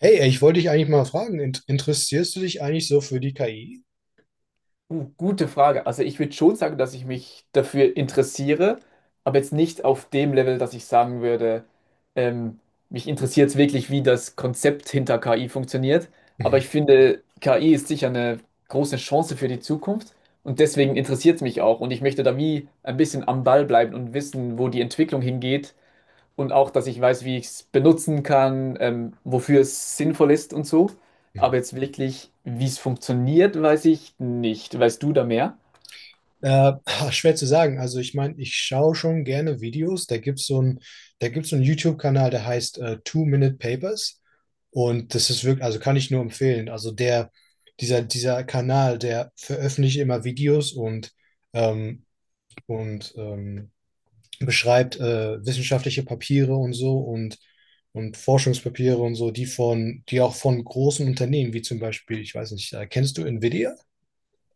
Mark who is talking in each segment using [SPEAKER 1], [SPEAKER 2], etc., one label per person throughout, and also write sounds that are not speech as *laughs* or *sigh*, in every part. [SPEAKER 1] Hey, ich wollte dich eigentlich mal fragen, interessierst du dich eigentlich so für die KI?
[SPEAKER 2] Gute Frage. Also ich würde schon sagen, dass ich mich dafür interessiere, aber jetzt nicht auf dem Level, dass ich sagen würde, ähm, mich interessiert es wirklich, wie das Konzept hinter KI funktioniert. Aber ich
[SPEAKER 1] Mhm.
[SPEAKER 2] finde, KI ist sicher eine große Chance für die Zukunft und deswegen interessiert es mich auch. Und ich möchte da wie ein bisschen am Ball bleiben und wissen, wo die Entwicklung hingeht und auch, dass ich weiß, wie ich es benutzen kann, wofür es sinnvoll ist und so.
[SPEAKER 1] Mhm.
[SPEAKER 2] Aber jetzt wirklich, wie es funktioniert, weiß ich nicht. Weißt du da mehr?
[SPEAKER 1] Äh, *laughs* Schwer zu sagen. Also ich meine, ich schaue schon gerne Videos. Da gibt's so einen YouTube-Kanal, der heißt Two-Minute Papers. Und das ist wirklich, also kann ich nur empfehlen. Also dieser Kanal, der veröffentlicht immer Videos ähm, und beschreibt wissenschaftliche Papiere und so. Und Forschungspapiere und so, die auch von großen Unternehmen, wie zum Beispiel, ich weiß nicht, kennst du Nvidia?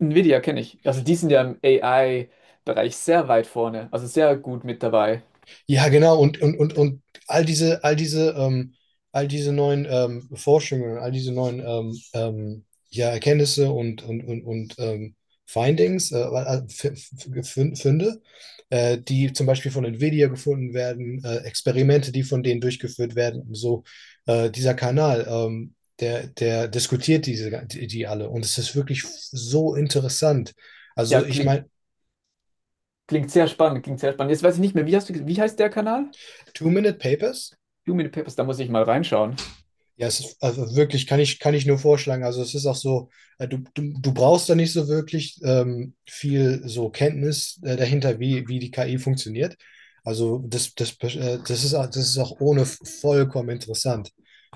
[SPEAKER 2] Nvidia kenne ich. Also die sind ja im AI-Bereich sehr weit vorne, also sehr gut mit dabei.
[SPEAKER 1] Ja, genau, und all diese, all diese, ähm, all diese neuen Forschungen, all diese neuen ja, Erkenntnisse und Findings, Funde, die zum Beispiel von Nvidia gefunden werden, Experimente, die von denen durchgeführt werden, und so dieser Kanal, der diskutiert diese, die alle. Und es ist wirklich so interessant.
[SPEAKER 2] Ja,
[SPEAKER 1] Also ich
[SPEAKER 2] klingt,
[SPEAKER 1] meine.
[SPEAKER 2] klingt sehr spannend, klingt sehr spannend. Jetzt weiß ich nicht mehr, wie hast du, wie heißt der Kanal?
[SPEAKER 1] Two-Minute-Papers.
[SPEAKER 2] Human Papers, da muss ich mal reinschauen.
[SPEAKER 1] Ja, es ist, also wirklich, kann ich nur vorschlagen. Also es ist auch so, du brauchst da nicht so wirklich viel so Kenntnis dahinter, wie die KI funktioniert. Das ist auch ohne vollkommen interessant,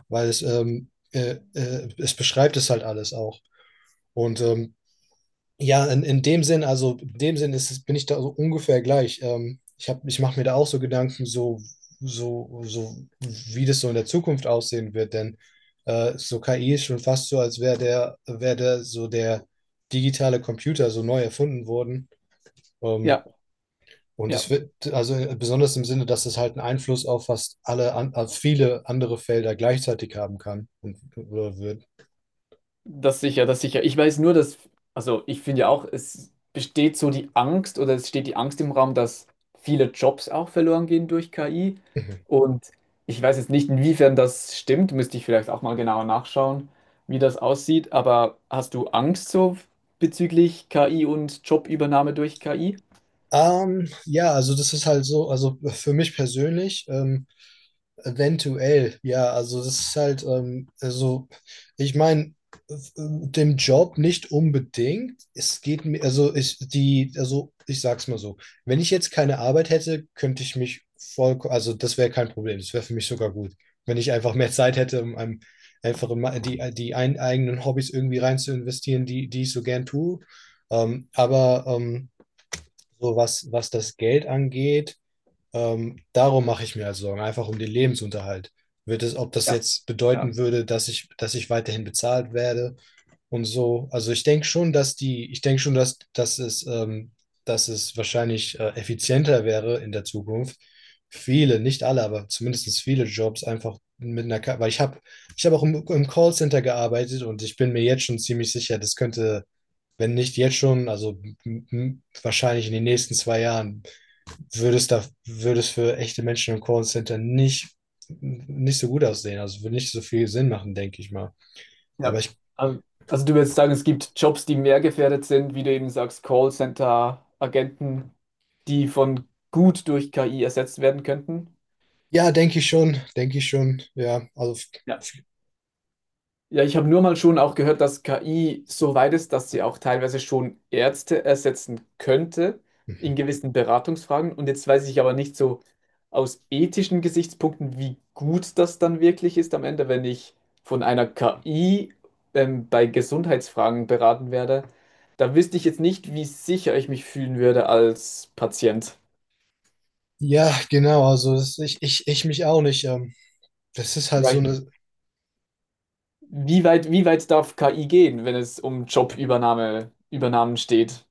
[SPEAKER 1] weil es beschreibt es halt alles auch. Und ja, in dem Sinn, bin ich da so ungefähr gleich. Ich mache mir da auch so Gedanken, so, so, wie das so in der Zukunft aussehen wird, denn so KI ist schon fast so, als wäre der digitale Computer so neu erfunden worden. Ähm,
[SPEAKER 2] Ja,
[SPEAKER 1] und
[SPEAKER 2] ja.
[SPEAKER 1] es wird, also, besonders im Sinne, dass es halt einen Einfluss auf fast alle, an, auf viele andere Felder gleichzeitig haben kann und oder wird.
[SPEAKER 2] Das sicher, das sicher. Ich weiß nur, dass, also ich finde ja auch, es besteht so die Angst oder es steht die Angst im Raum, dass viele Jobs auch verloren gehen durch KI.
[SPEAKER 1] Mhm.
[SPEAKER 2] Und ich weiß jetzt nicht, inwiefern das stimmt, müsste ich vielleicht auch mal genauer nachschauen, wie das aussieht. Aber hast du Angst so bezüglich KI und Jobübernahme durch KI?
[SPEAKER 1] Ja, also das ist halt so, also für mich persönlich. Eventuell, ja, also das ist halt, also ich meine, dem Job nicht unbedingt. Es geht mir, also ich, die, also ich sag's mal so, wenn ich jetzt keine Arbeit hätte, könnte ich mich voll, also das wäre kein Problem, das wäre für mich sogar gut, wenn ich einfach mehr Zeit hätte, einfach in ma- die, die ein, eigenen Hobbys irgendwie rein zu investieren, die ich so gern tue. Aber so was das Geld angeht, darum mache ich mir also Sorgen, einfach um den Lebensunterhalt. Ob das
[SPEAKER 2] Ja,
[SPEAKER 1] jetzt
[SPEAKER 2] ja.
[SPEAKER 1] bedeuten würde, dass ich weiterhin bezahlt werde und so. Also ich denke schon, ich denke schon, dass es wahrscheinlich effizienter wäre in der Zukunft, viele, nicht alle, aber zumindest viele Jobs einfach mit einer. Ich habe auch im Callcenter gearbeitet und ich bin mir jetzt schon ziemlich sicher, das könnte, wenn nicht jetzt schon, also wahrscheinlich in den nächsten zwei Jahren würde es da, würde es für echte Menschen im Callcenter nicht so gut aussehen. Also würde nicht so viel Sinn machen, denke ich mal. Aber
[SPEAKER 2] Ja.
[SPEAKER 1] ich,
[SPEAKER 2] Also du würdest sagen, es gibt Jobs, die mehr gefährdet sind, wie du eben sagst, Callcenter-Agenten, die von gut durch KI ersetzt werden könnten.
[SPEAKER 1] ja, denke ich schon, ja. Also.
[SPEAKER 2] Ja. Ja, ich habe nur mal schon auch gehört, dass KI so weit ist, dass sie auch teilweise schon Ärzte ersetzen könnte
[SPEAKER 1] Mhm.
[SPEAKER 2] in gewissen Beratungsfragen. Und jetzt weiß ich aber nicht so aus ethischen Gesichtspunkten, wie gut das dann wirklich ist am Ende, wenn ich von einer KI bei Gesundheitsfragen beraten werde. Da wüsste ich jetzt nicht, wie sicher ich mich fühlen würde als Patient.
[SPEAKER 1] Ja, genau, also ich mich auch nicht. Das ist halt
[SPEAKER 2] Ja,
[SPEAKER 1] so
[SPEAKER 2] ich-
[SPEAKER 1] eine.
[SPEAKER 2] Wie weit darf KI gehen, wenn es um Jobübernahme, Übernahmen steht?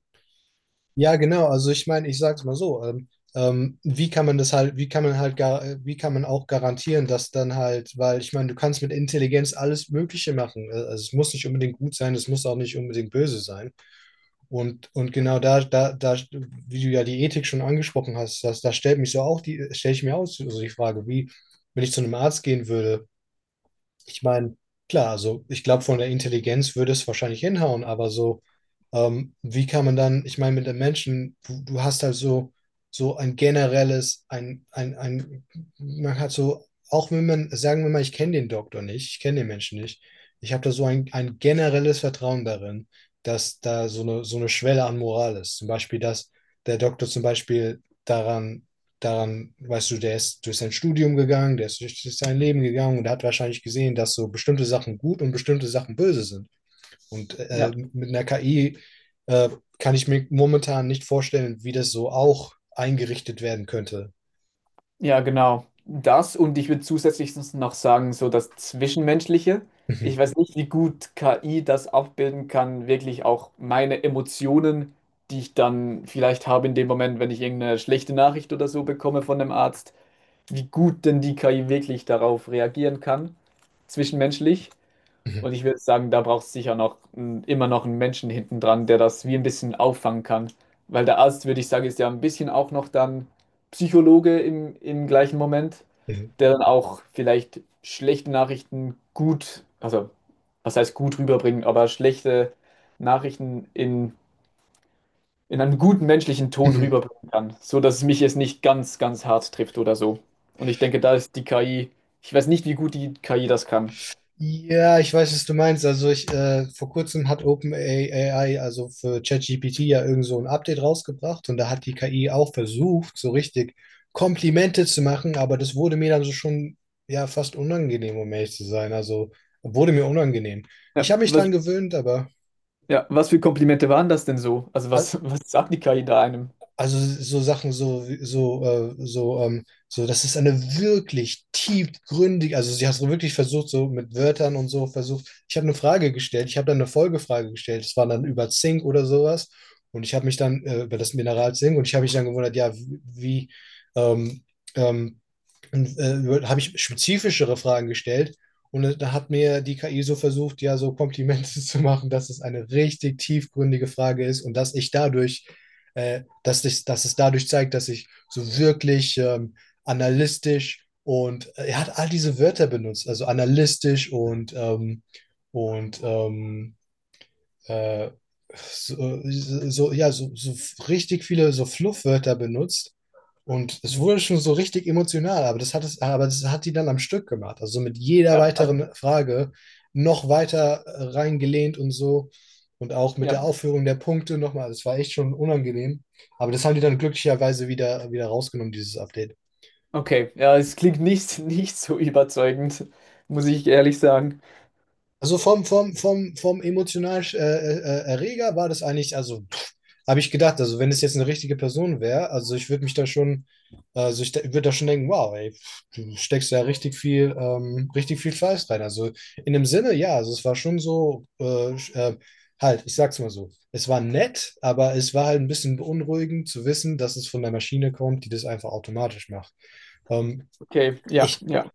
[SPEAKER 1] Ja, genau, also ich meine, ich sag's mal so, wie kann man das halt, wie kann man halt, gar, wie kann man auch garantieren, dass dann halt, weil ich meine, du kannst mit Intelligenz alles Mögliche machen. Also es muss nicht unbedingt gut sein, es muss auch nicht unbedingt böse sein. Und genau da, wie du ja die Ethik schon angesprochen hast, das, da stellt mich so auch die, stelle ich mir auch so die Frage, wie, wenn ich zu einem Arzt gehen würde, ich meine, klar, also ich glaube, von der Intelligenz würde es wahrscheinlich hinhauen, aber so wie kann man dann, ich meine, mit den Menschen, du hast halt so, so ein generelles, ein, man hat so, auch wenn man, sagen wir mal, ich kenne den Doktor nicht, ich kenne den Menschen nicht, ich habe da so ein generelles Vertrauen darin, dass da so eine Schwelle an Moral ist. Zum Beispiel, dass der Doktor zum Beispiel weißt du, der ist durch sein Studium gegangen, der ist durch sein Leben gegangen und hat wahrscheinlich gesehen, dass so bestimmte Sachen gut und bestimmte Sachen böse sind. Und
[SPEAKER 2] Ja.
[SPEAKER 1] mit einer KI äh, kann ich mir momentan nicht vorstellen, wie das so auch eingerichtet werden könnte.
[SPEAKER 2] Ja, genau. Das und ich würde zusätzlich sonst noch sagen, so das Zwischenmenschliche.
[SPEAKER 1] *laughs*
[SPEAKER 2] Ich
[SPEAKER 1] Mhm,
[SPEAKER 2] weiß nicht, wie gut KI das abbilden kann, wirklich auch meine Emotionen, die ich dann vielleicht habe in dem Moment, wenn ich irgendeine schlechte Nachricht oder so bekomme von einem Arzt, wie gut denn die KI wirklich darauf reagieren kann, zwischenmenschlich.
[SPEAKER 1] mhm,
[SPEAKER 2] Und ich würde sagen, da braucht es sicher immer noch einen Menschen hinten dran, der das wie ein bisschen auffangen kann. Weil der Arzt, würde ich sagen, ist ja ein bisschen auch noch dann Psychologe im gleichen Moment,
[SPEAKER 1] mhm,
[SPEAKER 2] der dann auch vielleicht schlechte Nachrichten gut, also was heißt gut rüberbringen, aber schlechte Nachrichten in einem guten menschlichen Ton
[SPEAKER 1] mhm.
[SPEAKER 2] rüberbringen kann, so dass es mich jetzt nicht ganz, ganz hart trifft oder so. Und ich denke, da ist die KI, ich weiß nicht, wie gut die KI das kann.
[SPEAKER 1] Ja, ich weiß, was du meinst. Vor kurzem hat OpenAI, also für ChatGPT ja irgend so ein Update rausgebracht und da hat die KI auch versucht, so richtig Komplimente zu machen, aber das wurde mir dann so schon ja fast unangenehm, um ehrlich zu sein. Also wurde mir unangenehm.
[SPEAKER 2] Ja,
[SPEAKER 1] Ich habe mich
[SPEAKER 2] was,
[SPEAKER 1] dran gewöhnt, aber.
[SPEAKER 2] ja, was für Komplimente waren das denn so? Also was, was sagt die KI da einem?
[SPEAKER 1] Also so Sachen, so, das ist eine wirklich tiefgründige, also sie hat so wirklich versucht, so mit Wörtern und so versucht. Ich habe eine Frage gestellt, ich habe dann eine Folgefrage gestellt, das war dann über Zink oder sowas. Und ich habe mich dann über das Mineral Zink und ich habe mich dann gewundert, ja, wie, wie ähm, ähm, und habe ich spezifischere Fragen gestellt. Und da hat mir die KI so versucht, ja, so Komplimente *laughs* zu machen, dass es eine richtig tiefgründige Frage ist und dass ich dadurch, dass es dadurch zeigt, dass ich so wirklich analytisch und er hat all diese Wörter benutzt, also analytisch und und ähm, äh, so, so richtig viele so Fluffwörter benutzt und es
[SPEAKER 2] Mhm.
[SPEAKER 1] wurde schon so richtig emotional, aber aber das hat die dann am Stück gemacht. Also so mit jeder
[SPEAKER 2] Ja, also,
[SPEAKER 1] weiteren Frage noch weiter reingelehnt und so. Und auch mit der
[SPEAKER 2] ja,
[SPEAKER 1] Aufführung der Punkte nochmal. Das war echt schon unangenehm. Aber das haben die dann glücklicherweise wieder rausgenommen, dieses Update.
[SPEAKER 2] okay. Ja, es klingt nicht, nicht so überzeugend, muss ich ehrlich sagen.
[SPEAKER 1] Also vom emotionalen Erreger war das eigentlich, also habe ich gedacht, also wenn es jetzt eine richtige Person wäre, also ich würde da schon denken, wow, ey, pff, du steckst ja richtig viel Fleiß rein. Also in dem Sinne, ja, also es war schon so, halt, ich sag's mal so, es war nett, aber es war halt ein bisschen beunruhigend zu wissen, dass es von der Maschine kommt, die das einfach automatisch macht. Ähm,
[SPEAKER 2] Okay, ja,
[SPEAKER 1] ich
[SPEAKER 2] ja,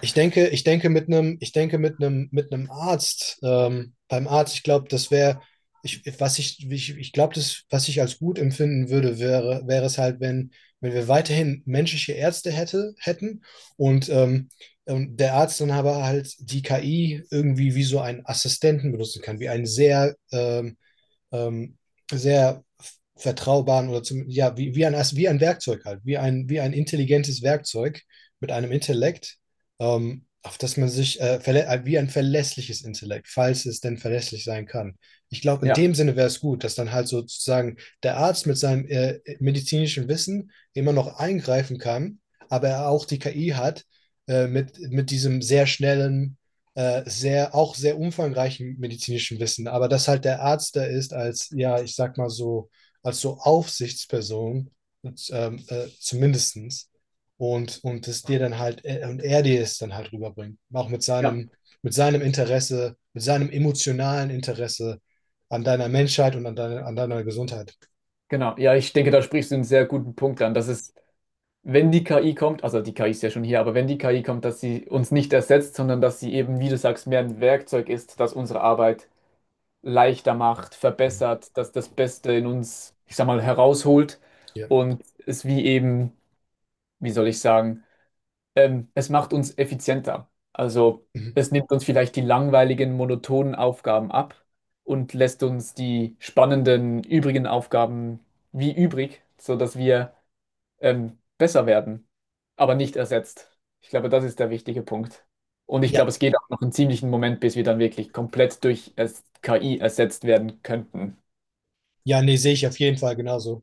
[SPEAKER 1] ich denke, mit einem Arzt, beim Arzt, ich glaube, das wäre, ich glaube, das, was ich als gut empfinden würde, wäre es halt, wenn wir weiterhin menschliche Ärzte hätten und der Arzt dann aber halt die KI irgendwie wie so einen Assistenten benutzen kann, wie einen sehr ähm, sehr vertraubaren oder zum, ja, wie ein Werkzeug halt, wie ein intelligentes Werkzeug mit einem Intellekt, auf das man sich wie ein verlässliches Intellekt, falls es denn verlässlich sein kann. Ich glaube, in
[SPEAKER 2] ja,
[SPEAKER 1] dem Sinne wäre es gut, dass dann halt sozusagen der Arzt mit seinem medizinischen Wissen immer noch eingreifen kann, aber er auch die KI hat mit diesem sehr schnellen auch sehr umfangreichen medizinischen Wissen, aber dass halt der Arzt da ist als, ja, ich sag mal so, als so Aufsichtsperson, und, zumindestens, und er dir es dann halt rüberbringt, auch
[SPEAKER 2] ja.
[SPEAKER 1] mit seinem Interesse, mit seinem emotionalen Interesse an deiner Menschheit und an deiner Gesundheit.
[SPEAKER 2] Genau, ja, ich denke, da sprichst du einen sehr guten Punkt an, dass es, wenn die KI kommt, also die KI ist ja schon hier, aber wenn die KI kommt, dass sie uns nicht ersetzt, sondern dass sie eben, wie du sagst, mehr ein Werkzeug ist, das unsere Arbeit leichter macht, verbessert, dass das Beste in uns, ich sag mal, herausholt
[SPEAKER 1] Ja.
[SPEAKER 2] und es wie eben, wie soll ich sagen, es macht uns effizienter. Also
[SPEAKER 1] Mhm.
[SPEAKER 2] es nimmt uns vielleicht die langweiligen, monotonen Aufgaben ab und lässt uns die spannenden, übrigen Aufgaben wie übrig, sodass wir besser werden, aber nicht ersetzt. Ich glaube, das ist der wichtige Punkt. Und ich glaube,
[SPEAKER 1] Ja,
[SPEAKER 2] es geht auch noch einen ziemlichen Moment, bis wir dann wirklich komplett KI ersetzt werden könnten.
[SPEAKER 1] ja, nee, sehe ich auf jeden Fall genauso.